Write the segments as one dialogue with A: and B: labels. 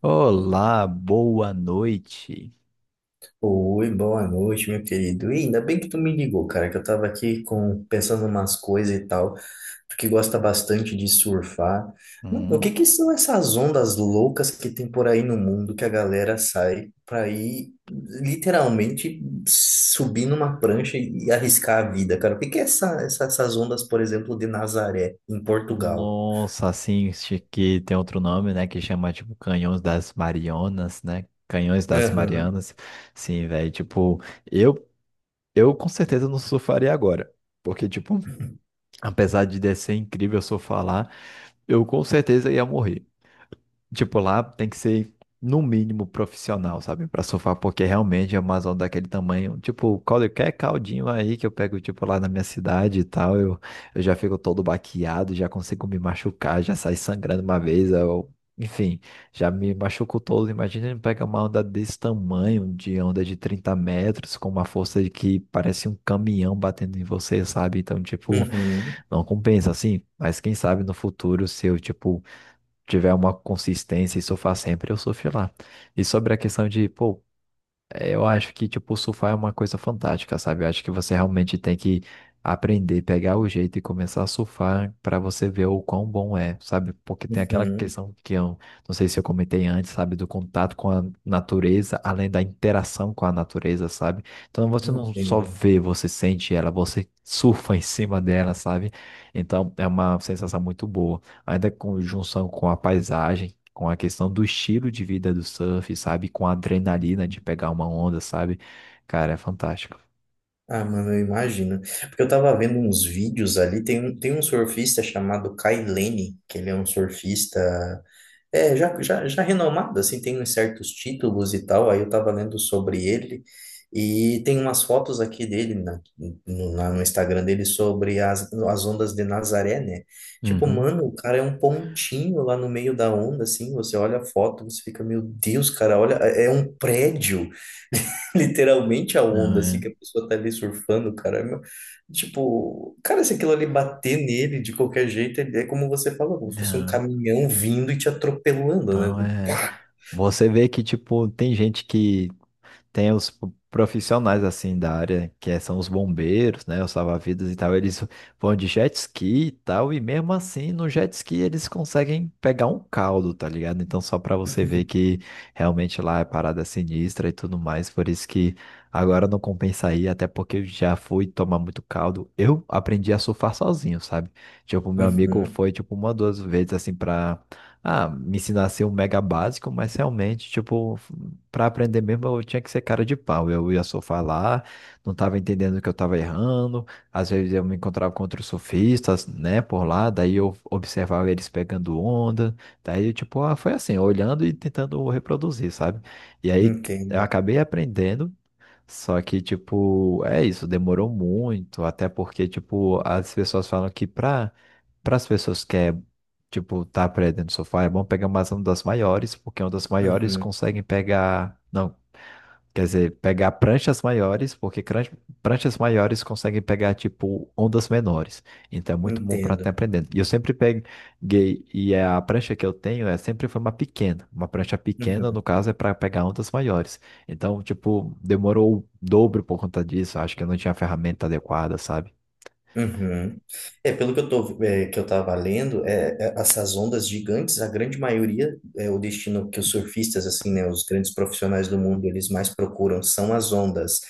A: Olá, boa noite.
B: Oi, boa noite, meu querido. E ainda bem que tu me ligou, cara, que eu tava aqui pensando umas coisas e tal. Tu que gosta bastante de surfar. Mano, o que
A: Hum,
B: que são essas ondas loucas que tem por aí no mundo que a galera sai pra ir literalmente subir numa prancha e arriscar a vida, cara? O que que é essas ondas, por exemplo, de Nazaré, em Portugal?
A: Nossa, assim, acho que tem outro nome, né, que chama, tipo, Canhões das Marianas, né? Canhões das
B: Uhum,
A: Marianas. Sim, velho, tipo, eu, eu com certeza não surfaria agora. Porque, tipo, apesar de ser incrível se eu falar, eu com certeza ia morrer. Tipo, lá tem que ser, no mínimo, profissional, sabe? Pra surfar, porque realmente é uma zona daquele tamanho. Tipo, qualquer caldinho aí que eu pego, tipo, lá na minha cidade e tal, eu já fico todo baqueado, já consigo me machucar, já saí sangrando uma vez, enfim, já me machuco todo. Imagina pegar uma onda desse tamanho, de onda de 30 metros, com uma força de que parece um caminhão batendo em você, sabe? Então, tipo.
B: uhum,
A: Não compensa, assim. Mas quem sabe no futuro, se eu, tipo, tiver uma consistência e surfar sempre, eu surfo lá. E sobre a questão de, pô, eu acho que, tipo, surfar é uma coisa fantástica, sabe? Eu acho que você realmente tem que aprender, pegar o jeito e começar a surfar para você ver o quão bom é, sabe? Porque tem aquela
B: uhum.
A: questão que eu não sei se eu comentei antes, sabe? Do contato com a natureza, além da interação com a natureza, sabe? Então você não só
B: Entendo.
A: vê, você sente ela, você surfa em cima dela, sabe? Então é uma sensação muito boa. Ainda com junção com a paisagem com a questão do estilo de vida do surf, sabe? Com a adrenalina de pegar uma onda, sabe? Cara, é fantástico.
B: Ah, mano, eu imagino. Porque eu tava vendo uns vídeos ali, tem um surfista chamado Kai Lene, que ele é um surfista, já renomado, assim, tem uns certos títulos e tal, aí eu tava lendo sobre ele, e tem umas fotos aqui dele no Instagram dele sobre as ondas de Nazaré, né? Tipo,
A: Uhum.
B: mano, o cara é um pontinho lá no meio da onda, assim, você olha a foto, você fica, meu Deus, cara, olha, é um prédio. Literalmente a
A: Não
B: onda, assim,
A: é.
B: que a pessoa tá ali surfando, cara. Tipo, cara, se aquilo ali bater nele de qualquer jeito, é como você falou, como se fosse um
A: Não,
B: caminhão vindo e te atropelando, né?
A: não
B: Tipo,
A: é.
B: pá!
A: Você vê que, tipo, tem gente que tem os profissionais assim da área, que são os bombeiros, né, os salva-vidas e tal, eles vão de jet ski e tal, e mesmo assim no jet ski eles conseguem pegar um caldo, tá ligado? Então só pra você ver que realmente lá é parada sinistra e tudo mais, por isso que agora não compensa ir, até porque eu já fui tomar muito caldo. Eu aprendi a surfar sozinho, sabe? Tipo, meu amigo
B: Uhum,
A: foi tipo uma duas vezes assim pra me ensinar a ser um mega básico, mas realmente, tipo, para aprender mesmo, eu tinha que ser cara de pau. Eu ia surfar lá, não estava entendendo que eu estava errando. Às vezes eu me encontrava com outros surfistas, né, por lá. Daí eu observava eles pegando onda. Daí, tipo, ah, foi assim, olhando e tentando reproduzir, sabe? E aí eu
B: entendo.
A: acabei aprendendo. Só que, tipo, é isso, demorou muito, até porque, tipo, as pessoas falam que para as pessoas que é, tipo, tá aprendendo sofá, é bom pegar umas ondas maiores, porque ondas maiores
B: Uhum,
A: conseguem pegar, não, quer dizer, pegar pranchas maiores, porque pranchas maiores conseguem pegar, tipo, ondas menores. Então é muito bom para estar
B: entendo.
A: aprendendo. E eu sempre peguei, e é a prancha que eu tenho é sempre foi uma pequena. Uma prancha pequena,
B: Uhum.
A: no caso, é para pegar ondas maiores. Então, tipo, demorou o dobro por conta disso. Acho que eu não tinha a ferramenta adequada, sabe?
B: Uhum. É, pelo que que eu tava lendo, essas ondas gigantes, a grande maioria, é o destino que os surfistas, assim, né, os grandes profissionais do mundo, eles mais procuram são as ondas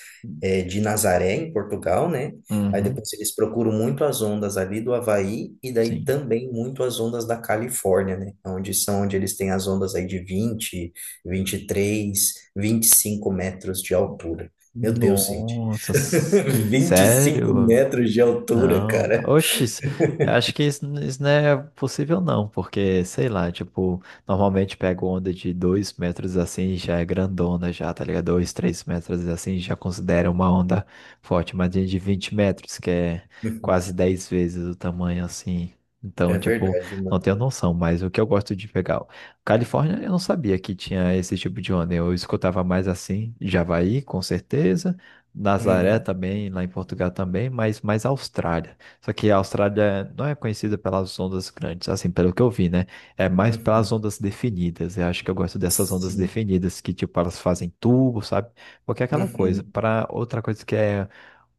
B: de Nazaré, em Portugal, né? Aí
A: Uhum.
B: depois eles procuram muito as ondas ali do Havaí e daí
A: Sim.
B: também muito as ondas da Califórnia, né? Onde são, onde eles têm as ondas aí de 20, 23, 25 metros de altura. Meu Deus, gente,
A: Nossa,
B: 25
A: sério?
B: metros de altura,
A: Não,
B: cara.
A: oxe, isso, eu acho que isso não é possível não, porque, sei lá, tipo, normalmente pego onda de 2 metros assim, já é grandona já, tá ligado? 2, 3 metros assim, já considera uma onda forte, mas de 20 metros, que é
B: Uhum.
A: quase 10 vezes o tamanho assim. Então,
B: É
A: tipo,
B: verdade,
A: não
B: mano.
A: tenho noção, mas o que eu gosto de pegar. Califórnia, eu não sabia que tinha esse tipo de onda, eu escutava mais assim, Javaí, com certeza, Nazaré
B: Uhum,
A: também, lá em Portugal também, mas mais a Austrália. Só que a Austrália não é conhecida pelas ondas grandes, assim, pelo que eu vi, né? É mais pelas
B: uhum.
A: ondas definidas. Eu acho que eu gosto dessas ondas
B: Sim.
A: definidas, que, tipo, elas fazem tubo, sabe? Porque é aquela coisa.
B: Uhum,
A: Para outra coisa que é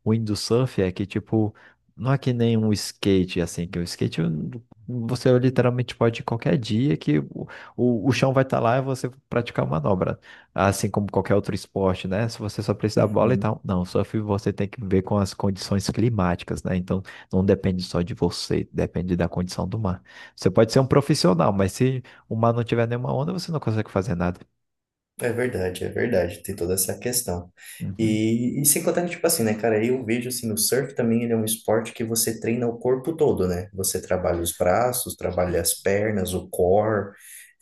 A: o windsurf é que, tipo, não é que nem um skate, assim, que o skate você literalmente pode ir qualquer dia que o chão vai estar lá e você praticar a manobra. Assim como qualquer outro esporte, né? Se você só precisa da bola e
B: uhum.
A: tal. Não, surf você tem que ver com as condições climáticas, né? Então, não depende só de você, depende da condição do mar. Você pode ser um profissional, mas se o mar não tiver nenhuma onda, você não consegue fazer nada.
B: É verdade, é verdade. Tem toda essa questão.
A: Uhum.
B: E sem contar que, tipo assim, né, cara, eu vejo assim, o surf também ele é um esporte que você treina o corpo todo, né? Você trabalha os braços, trabalha
A: Sim.
B: as pernas, o core.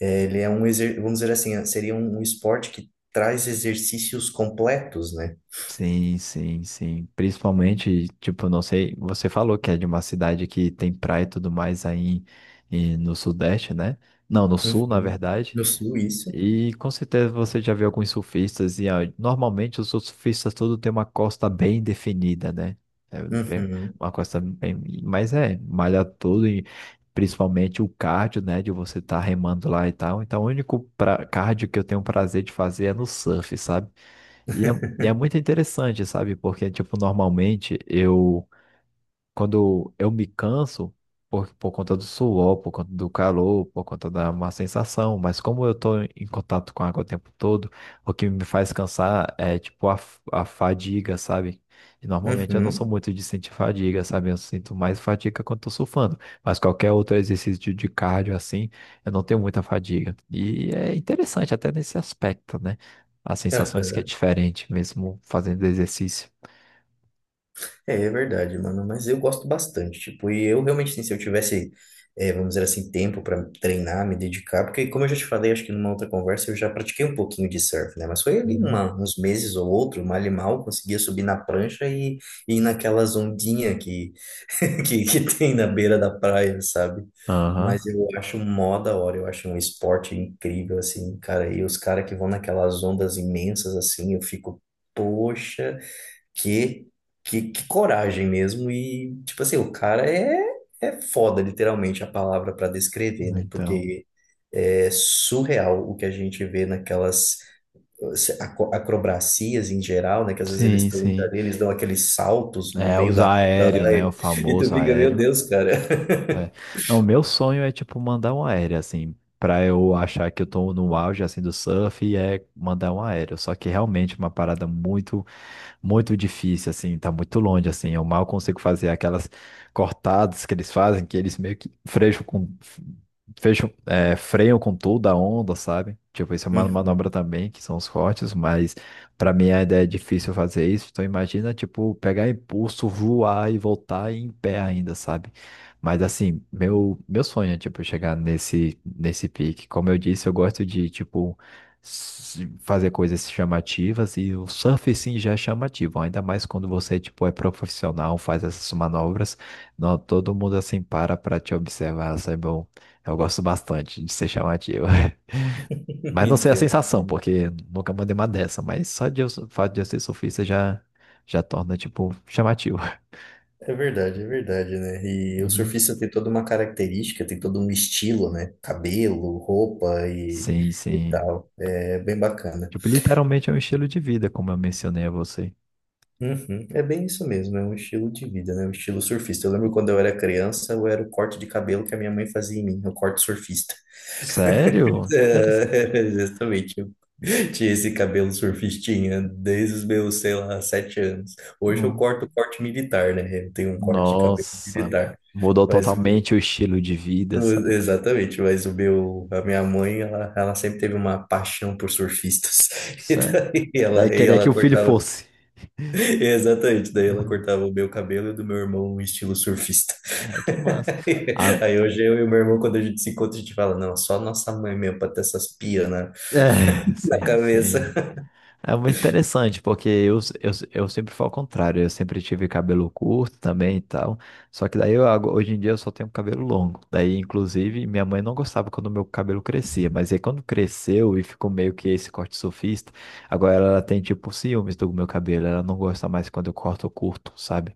B: É, ele é vamos dizer assim, seria um esporte que traz exercícios completos, né?
A: Sim, sim, sim. Principalmente, tipo, não sei, você falou que é de uma cidade que tem praia e tudo mais aí em, no Sudeste, né? Não, no Sul, na
B: Uhum.
A: verdade.
B: No sul, isso.
A: E com certeza você já viu alguns surfistas e ah, normalmente os surfistas todos têm uma costa bem definida, né? É, bem,
B: Uhum.
A: uma costa bem, mas é, malha tudo e principalmente o cardio, né, de você estar remando lá e tal. Então, o único pra, cardio que eu tenho prazer de fazer é no surf, sabe? E é, e é muito interessante, sabe? Porque, tipo, normalmente eu quando eu me canso por conta do suor, por conta do calor, por conta da má sensação, mas como eu estou em contato com a água o tempo todo, o que me faz cansar é tipo a fadiga, sabe? E normalmente eu não sou
B: Uhum.
A: muito de sentir fadiga, sabe? Eu sinto mais fadiga quando estou surfando, mas qualquer outro exercício de cardio assim, eu não tenho muita fadiga. E é interessante até nesse aspecto, né? As
B: É.
A: sensações que é diferente mesmo fazendo exercício.
B: É, é verdade, mano, mas eu gosto bastante, tipo, e eu realmente, assim, se eu tivesse, vamos dizer assim, tempo para treinar, me dedicar, porque como eu já te falei, acho que numa outra conversa, eu já pratiquei um pouquinho de surf, né, mas foi ali
A: Uhum.
B: uns meses ou outro, mal e mal, conseguia subir na prancha e ir naquelas ondinhas que, que tem na beira da praia, sabe?
A: Aham,
B: Mas eu acho mó da hora, eu acho um esporte incrível, assim, cara. E os caras que vão naquelas ondas imensas, assim, eu fico, poxa. Que, que coragem mesmo. E, tipo assim, o cara é foda, literalmente, a palavra para descrever, né?
A: então.
B: Porque é surreal o que a gente vê naquelas acrobacias em geral, né? Que às vezes eles
A: Sim,
B: estão indo
A: sim.
B: ali, eles dão aqueles saltos no
A: É,
B: meio
A: os
B: da onda
A: aéreo,
B: lá
A: né? O
B: e tu
A: famoso
B: fica, meu
A: aéreo.
B: Deus, cara.
A: Né? Não, o meu sonho é, tipo, mandar um aéreo, assim, pra eu achar que eu tô no auge, assim, do surf, e é mandar um aéreo. Só que realmente é uma parada muito muito difícil, assim, tá muito longe, assim. Eu mal consigo fazer aquelas cortadas que eles fazem, que eles meio que freixam com, fecham, freiam com toda a onda, sabe? Tipo, isso é uma
B: Uhum.
A: manobra também, que são os cortes, mas pra mim a ideia é difícil fazer isso. Então imagina, tipo, pegar impulso, voar e voltar em pé ainda, sabe? Mas assim, meu sonho é, tipo, chegar nesse pique. Como eu disse, eu gosto de, tipo, fazer coisas chamativas e o surf sim já é chamativo, ainda mais quando você tipo é profissional, faz essas manobras, não todo mundo assim para te observar, isso é bom. Eu gosto bastante de ser chamativo. Mas não sei a
B: Entendo.
A: sensação, porque nunca mandei uma dessa, mas só de eu, o fato de eu ser surfista já já torna tipo chamativo.
B: É verdade, né? E o
A: Uhum.
B: surfista tem toda uma característica, tem todo um estilo, né? Cabelo, roupa e,
A: Sim,
B: e
A: sim.
B: tal. É bem bacana.
A: Tipo, literalmente é um estilo de vida, como eu mencionei a você.
B: Uhum, é bem isso mesmo, é um estilo de vida, né? Um estilo surfista. Eu lembro quando eu era criança, eu era o corte de cabelo que a minha mãe fazia em mim, o corte surfista.
A: Sério? Interessante.
B: É, exatamente. Eu tinha esse cabelo surfistinha desde os meus, sei lá, 7 anos. Hoje eu
A: Não.
B: corto o corte militar, né? Eu tenho um corte de cabelo
A: Nossa,
B: militar.
A: mudou
B: Mas
A: totalmente o estilo de vida, sabe?
B: Exatamente, mas a minha mãe, ela sempre teve uma paixão por surfistas.
A: Sério. Daí
B: E
A: queria que
B: ela
A: o filho
B: cortava,
A: fosse.
B: exatamente, daí ela
A: Uhum.
B: cortava o meu cabelo e o do meu irmão em estilo surfista.
A: Ai, que massa. Ah,
B: Aí hoje eu e o meu irmão, quando a gente se encontra, a gente fala, não, só nossa mãe mesmo pra ter essas pias na,
A: é,
B: na
A: sim,
B: cabeça.
A: sim. É muito interessante, porque eu sempre fui ao contrário, eu sempre tive cabelo curto também e tal, só que daí eu, hoje em dia eu só tenho cabelo longo, daí inclusive minha mãe não gostava quando meu cabelo crescia, mas aí quando cresceu e ficou meio que esse corte surfista, agora ela tem tipo ciúmes do meu cabelo, ela não gosta mais quando eu corto curto, sabe?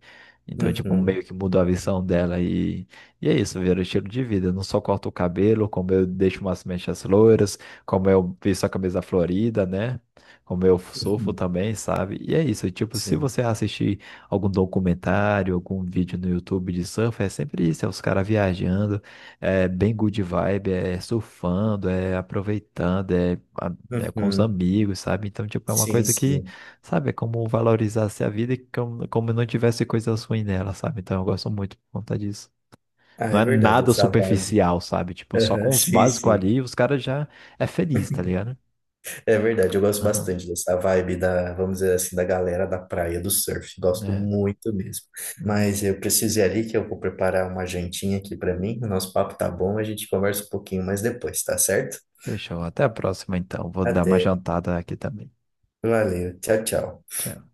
A: Então tipo
B: Uhum,
A: meio que mudou a visão dela e é isso, virou estilo de vida, eu não só corto o cabelo, como eu deixo umas mechas loiras, como eu visto a camisa florida, né? Como eu surfo
B: uhum,
A: também, sabe? E é isso, tipo, se
B: sim,
A: você assistir algum documentário, algum vídeo no YouTube de surf, é sempre isso, é os caras viajando, é bem good vibe, é surfando, é aproveitando, é, a, é com os
B: uhum,
A: amigos, sabe? Então, tipo, é uma
B: sim,
A: coisa que,
B: sim.
A: sabe, é como valorizar a vida e como, como não tivesse coisas ruins nela, sabe? Então, eu gosto muito por conta disso.
B: Ah,
A: Não
B: é
A: é
B: verdade,
A: nada
B: essa vibe.
A: superficial, sabe? Tipo, só
B: Aham,
A: com os
B: sim,
A: básicos
B: sim.
A: ali, os caras já é feliz, tá ligado?
B: É verdade, eu gosto
A: Aham,
B: bastante dessa vibe da, vamos dizer assim, da galera da praia do surf. Gosto
A: é.
B: muito mesmo.
A: Uhum.
B: Mas eu preciso ir ali que eu vou preparar uma jantinha aqui para mim. O nosso papo tá bom, a gente conversa um pouquinho mais depois, tá certo?
A: Fechou. Até a próxima, então. Vou dar uma
B: Até.
A: jantada aqui também.
B: Valeu. Tchau, tchau.
A: Tchau.